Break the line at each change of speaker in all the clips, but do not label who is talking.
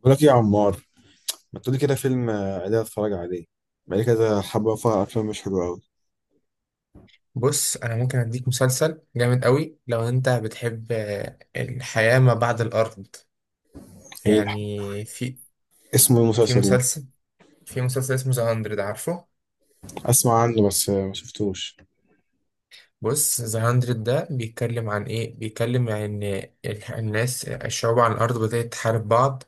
بقول لك إيه يا عمار؟ ما تقولي كده فيلم عادي اتفرج عليه. بقالي كده حبة فيها أفلام مش حلوة أوي.
بص، انا ممكن اديك مسلسل جامد قوي لو انت بتحب. الحياة ما بعد الارض.
إيه الح-
يعني في
اسمه إيه
في
المسلسل ده؟
مسلسل في مسلسل اسمه ذا 100، عارفه؟
أسمع عنه بس ما شفتوش.
بص، ذا 100 ده بيتكلم عن ان الناس، الشعوب على الارض بدأت تحارب بعض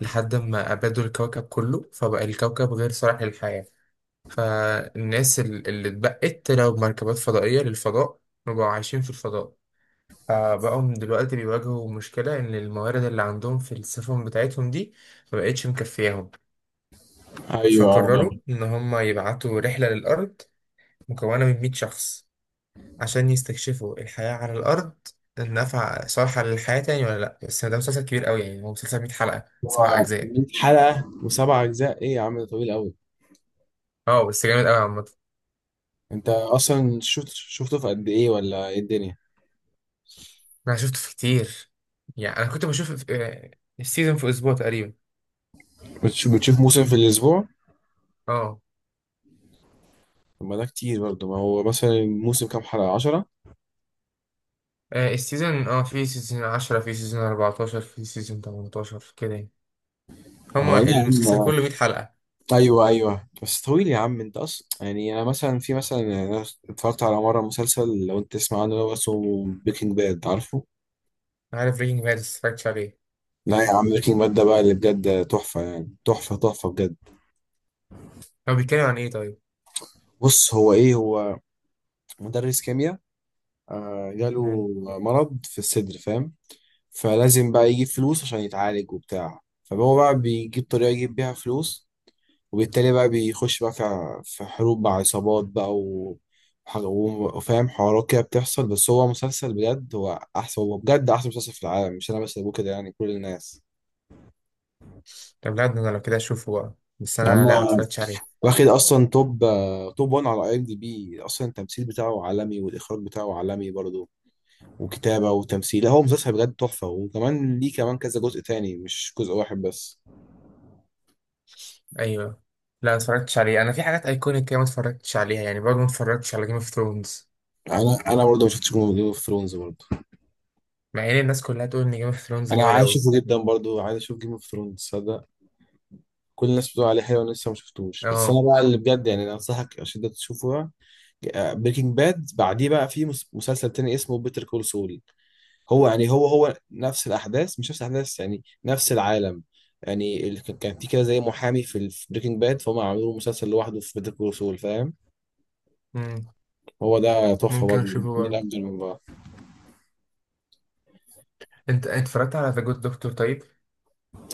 لحد ما ابادوا الكوكب كله، فبقى الكوكب غير صالح للحياة. فالناس اللي اتبقت طلعوا بمركبات فضائية للفضاء، وبقوا عايشين في الفضاء. فبقوا دلوقتي بيواجهوا مشكلة إن الموارد اللي عندهم في السفن بتاعتهم دي مبقتش مكفياهم.
أيوه
فقرروا إن هما يبعتوا رحلة للأرض مكونة من 100 شخص عشان يستكشفوا الحياة على الأرض، النفع صالحة للحياة تاني ولا لأ. بس ده مسلسل كبير أوي، يعني هو مسلسل 100 حلقة، سبع
هو
أجزاء.
100 حلقة وسبع أجزاء إيه يا عم؟ ده طويل أوي.
اه، بس جامد أوي عامة.
أنت أصلا شفته في قد إيه ولا إيه الدنيا؟
أنا شفته في كتير، يعني أنا كنت بشوف السيزون في أسبوع تقريبا.
بتشوف موسم في الأسبوع؟
اه.
طب ما ده كتير برضه، ما هو مثلا الموسم كام حلقة، 10؟
السيزون، في سيزون 10، في سيزون 14، في سيزون 18، كده يعني.
اه
هما
لا يا عم
المسلسل كله 100 حلقة.
ايوه ايوه، بس طويل يا عم. انت اصلا يعني انا مثلا يعني انا اتفرجت على مره مسلسل، لو انت تسمع عنه، اللي هو اسمه بريكنج باد، عارفه؟
أنا عارف بريكنج باد بس متفرجتش عليه.
لا يا عم، بريكنج باد ده بقى اللي بجد تحفه، يعني تحفه بجد.
هو بيتكلم عن إيه طيب؟
بص هو هو مدرس كيمياء، جاله
مم.
مرض في الصدر، فاهم؟ فلازم بقى يجيب فلوس عشان يتعالج وبتاع، فهو بقى بيجيب طريقه يجيب بيها فلوس. وبالتالي بقى بيخش بقى في حروب مع عصابات بقى و... وح- و- وفاهم حوارات كده بتحصل. بس هو مسلسل بجد، هو أحسن، هو بجد أحسن مسلسل في العالم، مش أنا بس اللي بقول كده يعني، كل الناس.
طب لا، ده أنا لو كده أشوفه بقى، بس
يا عم
أنا لا
هو
متفرجتش عليه.
واخد أصلا توب 1 على أي إم دي بي. أصلا التمثيل بتاعه عالمي، والإخراج بتاعه عالمي برضه، وكتابة وتمثيل، لا، هو مسلسل بجد تحفة. وكمان ليه كمان كذا جزء تاني، مش جزء واحد بس.
أيوه. لا متفرجتش عليه، أنا في حاجات أيكونيك كده متفرجتش عليها يعني، برضه متفرجتش على جيم اوف ثرونز.
أنا برضه ما شفتش جيم أوف ثرونز برضه.
مع إن الناس كلها تقول إن جيم اوف ثرونز
أنا
جامد
عايز
أوي.
أشوفه جدا برضه، عايز أشوف جيم أوف ثرونز. كل الناس بتقول عليه حلو، انا لسه ما شفتوش. بس انا
أه.
بقى اللي بجد يعني، انا انصحك اشد تشوفه بقى بريكنج باد. بعديه بقى في مسلسل تاني اسمه بيتر كول سول. هو يعني هو نفس الاحداث، مش نفس الاحداث يعني، نفس العالم. يعني كان في كده زي محامي في بريكنج باد، فهم عملوا له مسلسل لوحده في بيتر كول سول، فاهم؟
مم.
هو ده تحفه
ممكن
برضه.
أشوفه
من
برضه.
افضل من بعض.
أنت أنت اتفرجت على ذا جود دكتور طيب؟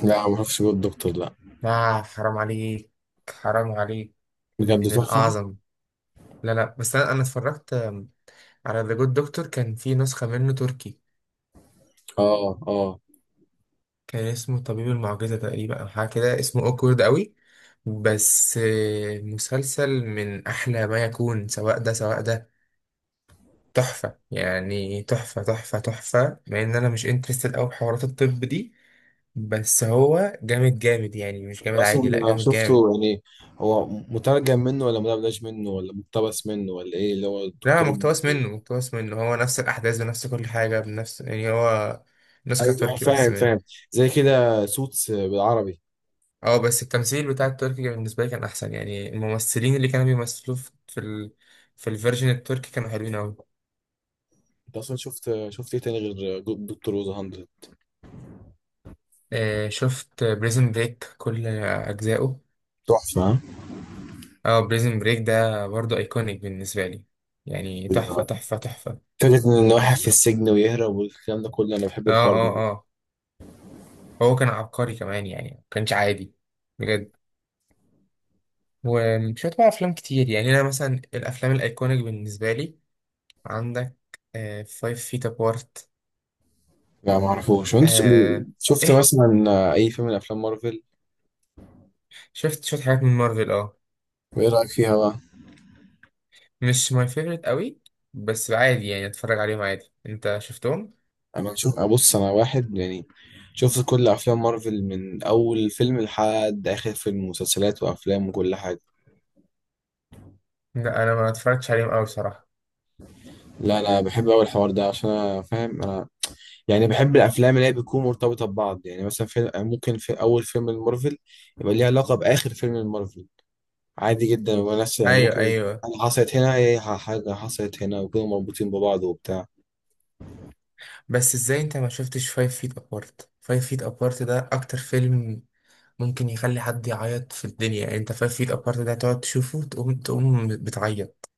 لا ما اعرفش الدكتور، لا.
آه، حرام عليك، حرام عليك،
بجد
من
تحفه.
الأعظم. لا لا، بس أنا اتفرجت على ذا جود دكتور، كان في نسخة منه تركي،
اه اه.
كان اسمه طبيب المعجزة تقريبا أو حاجة كده، اسمه أوكورد أوي. بس مسلسل من أحلى ما يكون، سواء ده سواء ده، تحفة يعني، تحفة تحفة تحفة. مع إن أنا مش انترستد أوي بحوارات الطب دي، بس هو جامد جامد يعني، مش جامد عادي، لا
اصلا
جامد جامد.
شفته يعني هو مترجم منه ولا مدبلج منه ولا مقتبس منه ولا ايه؟ اللي هو
لا،
الدكتور
مقتبس منه مقتبس منه، هو نفس الأحداث بنفس كل حاجة بنفس يعني، هو نسخة
ايوه
تركي بس.
فاهم فاهم. زي كده سوتس بالعربي.
اه، بس التمثيل بتاع التركي بالنسبة لي كان أحسن، يعني الممثلين اللي كانوا بيمثلوا في ال... في الفيرجن التركي كانوا حلوين أوي.
انت اصلا شفت ايه تاني غير دكتور روز 100؟
آه، شفت بريزن بريك كل أجزائه.
تحفة ها؟
اه، بريزن بريك ده برضه أيكونيك بالنسبة لي، يعني تحفة
ايوه.
تحفة تحفة.
فكرة ان واحد في السجن ويهرب والكلام ده كله، انا بحب
اه
الحوار
اه
ده.
اه. هو كان عبقري كمان يعني، ما كانش عادي، بجد. ومش بقى أفلام كتير يعني، أنا مثلا الأفلام الأيكونيك بالنسبة لي، عندك فايف فيت أبارت.
لا ما اعرفوش. وانت
آه.
شفت
إيه،
مثلا اي فيلم من افلام مارفل؟
شفت حاجات من مارفل، اه.
وايه رايك فيها بقى؟
مش ماي فيفورت قوي، بس عادي يعني، اتفرج عليهم عادي. انت شفتهم؟
انا نشوف ابص انا واحد يعني شفت كل افلام مارفل، من اول فيلم لحد اخر فيلم، مسلسلات وافلام وكل حاجه.
لا انا ما اتفرجتش عليهم قوي بصراحه.
لا انا بحب اول الحوار ده، عشان انا فاهم انا، يعني بحب الافلام اللي هي بتكون مرتبطه ببعض. يعني مثلا فيلم، ممكن في اول فيلم المارفل يبقى ليه علاقه باخر فيلم المارفل، عادي جدا. وناس يعني
ايوه
ممكن
ايوه.
حاجه حصلت هنا، هي حاجه حصلت هنا، وكانوا مربوطين ببعض وبتاع.
بس ازاي انت ما شفتش فايف فيت ابارت؟ فايف فيت ابارت ده اكتر فيلم ممكن يخلي حد يعيط في الدنيا يعني. انت فايف فيت ابارت ده تقعد تشوفه تقوم بتعيط،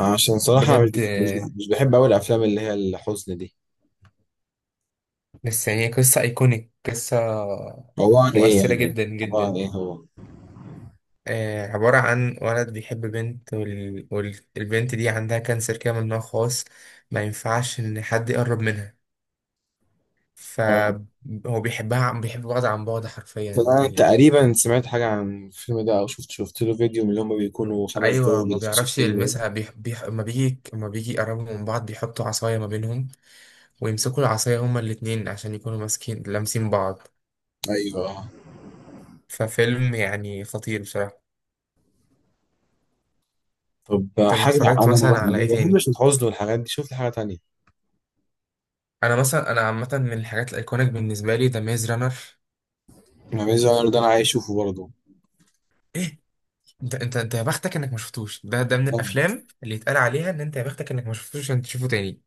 عشان صراحه انا
بجد.
مش مش بحب اول الافلام اللي هي الحزن دي.
بس يعني قصه ايكونيك، قصه
عباره عن ايه
مؤثره
يعني؟
جدا
عباره عن
جدا.
ايه هو؟
عبارة عن ولد بيحب بنت والبنت دي عندها كانسر كده من نوع خاص، ما ينفعش إن حد يقرب منها.
آه.
فهو بيحب بعض عن بعد حرفيا
فأنا
يعني.
تقريبا سمعت حاجة عن الفيلم ده، أو شفت له فيديو من اللي هما بيكونوا خمس
أيوة،
دقايق
ما
بيلخصوا
بيعرفش
الفيلم ده.
يلمسها، ما بيجي يقربوا من بعض، بيحطوا عصاية ما بينهم، ويمسكوا العصاية هما الاتنين عشان يكونوا ماسكين لامسين بعض.
أيوه.
ففيلم يعني خطير بصراحة.
طب
طب
حاجة أنا
اتفرجت مثلا على إيه
ما
تاني؟
بحبش الحزن والحاجات دي، شفت حاجة تانية؟
أنا مثلا، أنا عامة من الحاجات الأيكونيك بالنسبة لي ذا ميز رانر.
ما بيز ده أنا عايز أشوفه برضه.
انت يا بختك انك ما شفتوش، ده ده من
طب،
الافلام اللي يتقال عليها ان انت يا بختك انك ما شفتوش، عشان تشوفه تاني.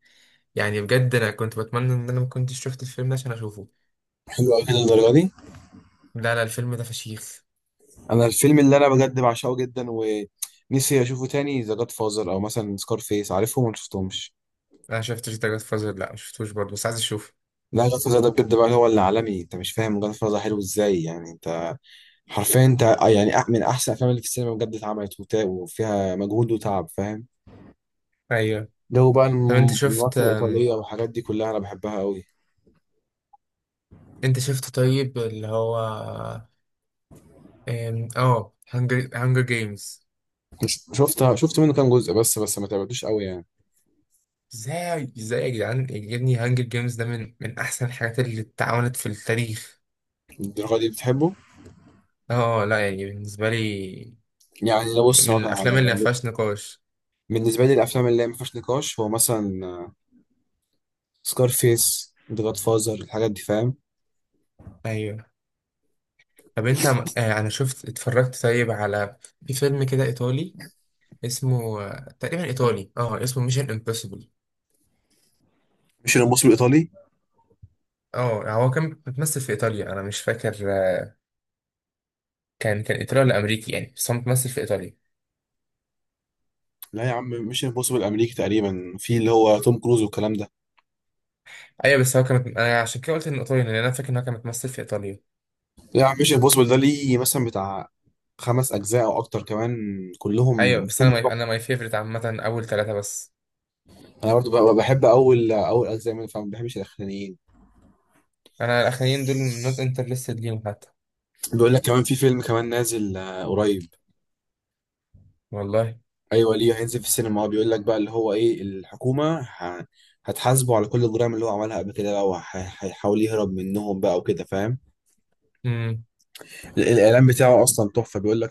يعني بجد انا كنت بتمنى ان انا ما كنتش شفت الفيلم ده عشان اشوفه.
حلو أوي كده الدرجة دي؟
لا لا، الفيلم ده فشيخ.
أنا الفيلم اللي أنا بجد بعشقه جدا ونفسي أشوفه تاني ذا جاد فازر، أو مثلا سكار فيس، عارفهم ولا مشفتهمش؟
انا شفتش ده جاد فازر، لا ما شفتوش برضه، بس عايز اشوفه.
لا جاد فازر ده بجد بقى هو اللي عالمي، أنت مش فاهم جاد فازر حلو إزاي يعني. حرفيا انت يعني، من احسن الافلام اللي في السينما بجد اتعملت، وتا- وفيها مجهود وتعب، فاهم؟
ايوه.
جو بقى
طب انت شفت
المافيا الايطاليه والحاجات دي كلها انا بحبها قوي.
انت شفت طيب اللي هو ام، اه هانجر جيمز؟
مش شفتها، شفت منه كام جزء بس، بس ما تعبتوش قوي يعني.
ازاي يا جدعان يا ابني، هانجر جيمز ده من احسن الحاجات اللي اتعملت في التاريخ.
الدرجه دي بتحبه؟
اه لا، يعني بالنسبه لي
يعني لو بص
من
مثلا حاجه
الافلام اللي ما
أنا،
فيهاش نقاش.
بالنسبه لي الافلام اللي هي ما فيهاش نقاش هو مثلا سكارفيس، ذا جاد فازر، الحاجات دي فاهم.
ايوه. طب انت انا شفت اتفرجت طيب، على في فيلم كده ايطالي اسمه تقريبا ايطالي، اه، اسمه ميشن امبوسيبل.
مش الامبوسيبل الايطالي؟
اه هو كان بيتمثل في ايطاليا، انا مش فاكر كان ايطالي ولا امريكي يعني، بس هو متمثل في ايطاليا.
لا يا عم، مش الامبوسيبل الامريكي تقريبا في اللي هو توم كروز والكلام ده؟
ايوه، بس هو كان، انا عشان كده قلت انه ايطالي لان انا فاكر ان هو كان متمثل في ايطاليا.
لا يا عم، مش الامبوسيبل ده ليه مثلا بتاع خمس اجزاء او اكتر كمان، كلهم
ايوه بس
مفهوم
انا انا
تحفة.
ماي فيفرت عامه اول ثلاثه بس.
انا برضو بحب اول اجزاء منه، فما بحبش الاخرانيين.
انا الاخرين دول نوت انترستد ليهم حتى.
بيقول لك كمان في فيلم كمان نازل قريب.
والله.
ايوه ليه، هينزل في السينما، هو بيقول لك بقى اللي هو ايه، الحكومه هتحاسبه على كل الجرائم اللي هو عملها قبل كده بقى، وهيحاول يهرب منهم بقى وكده، فاهم؟
امم.
الاعلان بتاعه اصلا تحفه، بيقول لك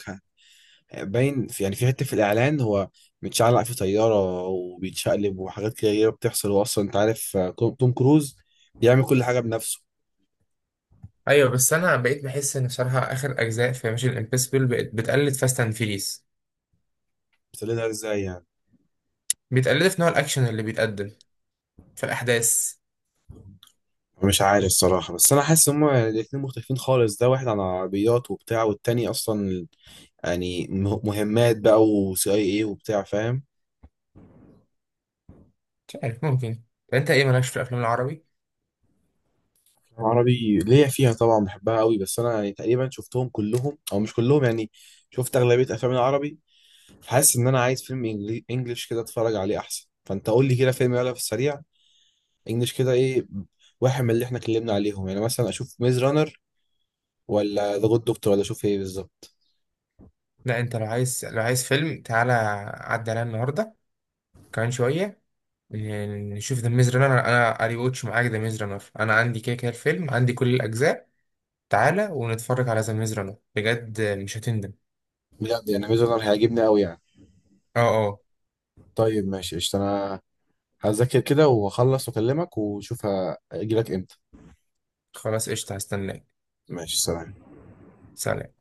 باين في يعني في حته في الاعلان، هو متشعلق في طياره وبيتشقلب وحاجات كده بتحصل. هو اصلا انت عارف، توم توم كروز بيعمل كل حاجه بنفسه.
ايوه، بس انا بقيت بحس ان بصراحه اخر اجزاء في ميشن امبوسيبل بقت بتقلد فاست اند فيريس.
بس ليه ده، ازاي يعني؟
بيتقلدوا في نوع الأكشن اللي بيتقدم في الأحداث.
مش عارف الصراحه، بس انا حاسس هما الاتنين مختلفين خالص، ده واحد عن عربيات وبتاع، والتاني اصلا يعني مهمات بقى وسي اي اي وبتاع، فاهم؟
مش عارف، ممكن. أنت إيه مالكش في الأفلام العربي؟
عربي ليا فيها طبعا، بحبها قوي، بس انا يعني تقريبا شفتهم كلهم او مش كلهم يعني، شفت اغلبيه افلام العربي. حاسس ان انا عايز فيلم انجليش كده اتفرج عليه احسن، فانت قول لي كده فيلم يلا في السريع، انجليش كده ايه، واحد من اللي احنا اتكلمنا عليهم، يعني مثلا اشوف ميز رانر، ولا ذا جود دكتور، ولا اشوف ايه بالظبط؟
لا، أنت لو عايز، لو عايز فيلم تعالى، عدى عليا النهاردة كمان شوية، نشوف ذا ميز رانر. أنا أري واتش معاك ذا ميز رانر، أنا عندي كده كده الفيلم، عندي كل الأجزاء. تعالى ونتفرج على ذا ميز رانر، بجد مش هتندم.
بجد يعني ميز رانر هيعجبني قوي يعني؟
أه أه.
طيب ماشي قشطة، انا هذاكر كده واخلص واكلمك واشوف هاجي لك امتى.
خلاص قشطة هستناك.
ماشي سلام.
سلام.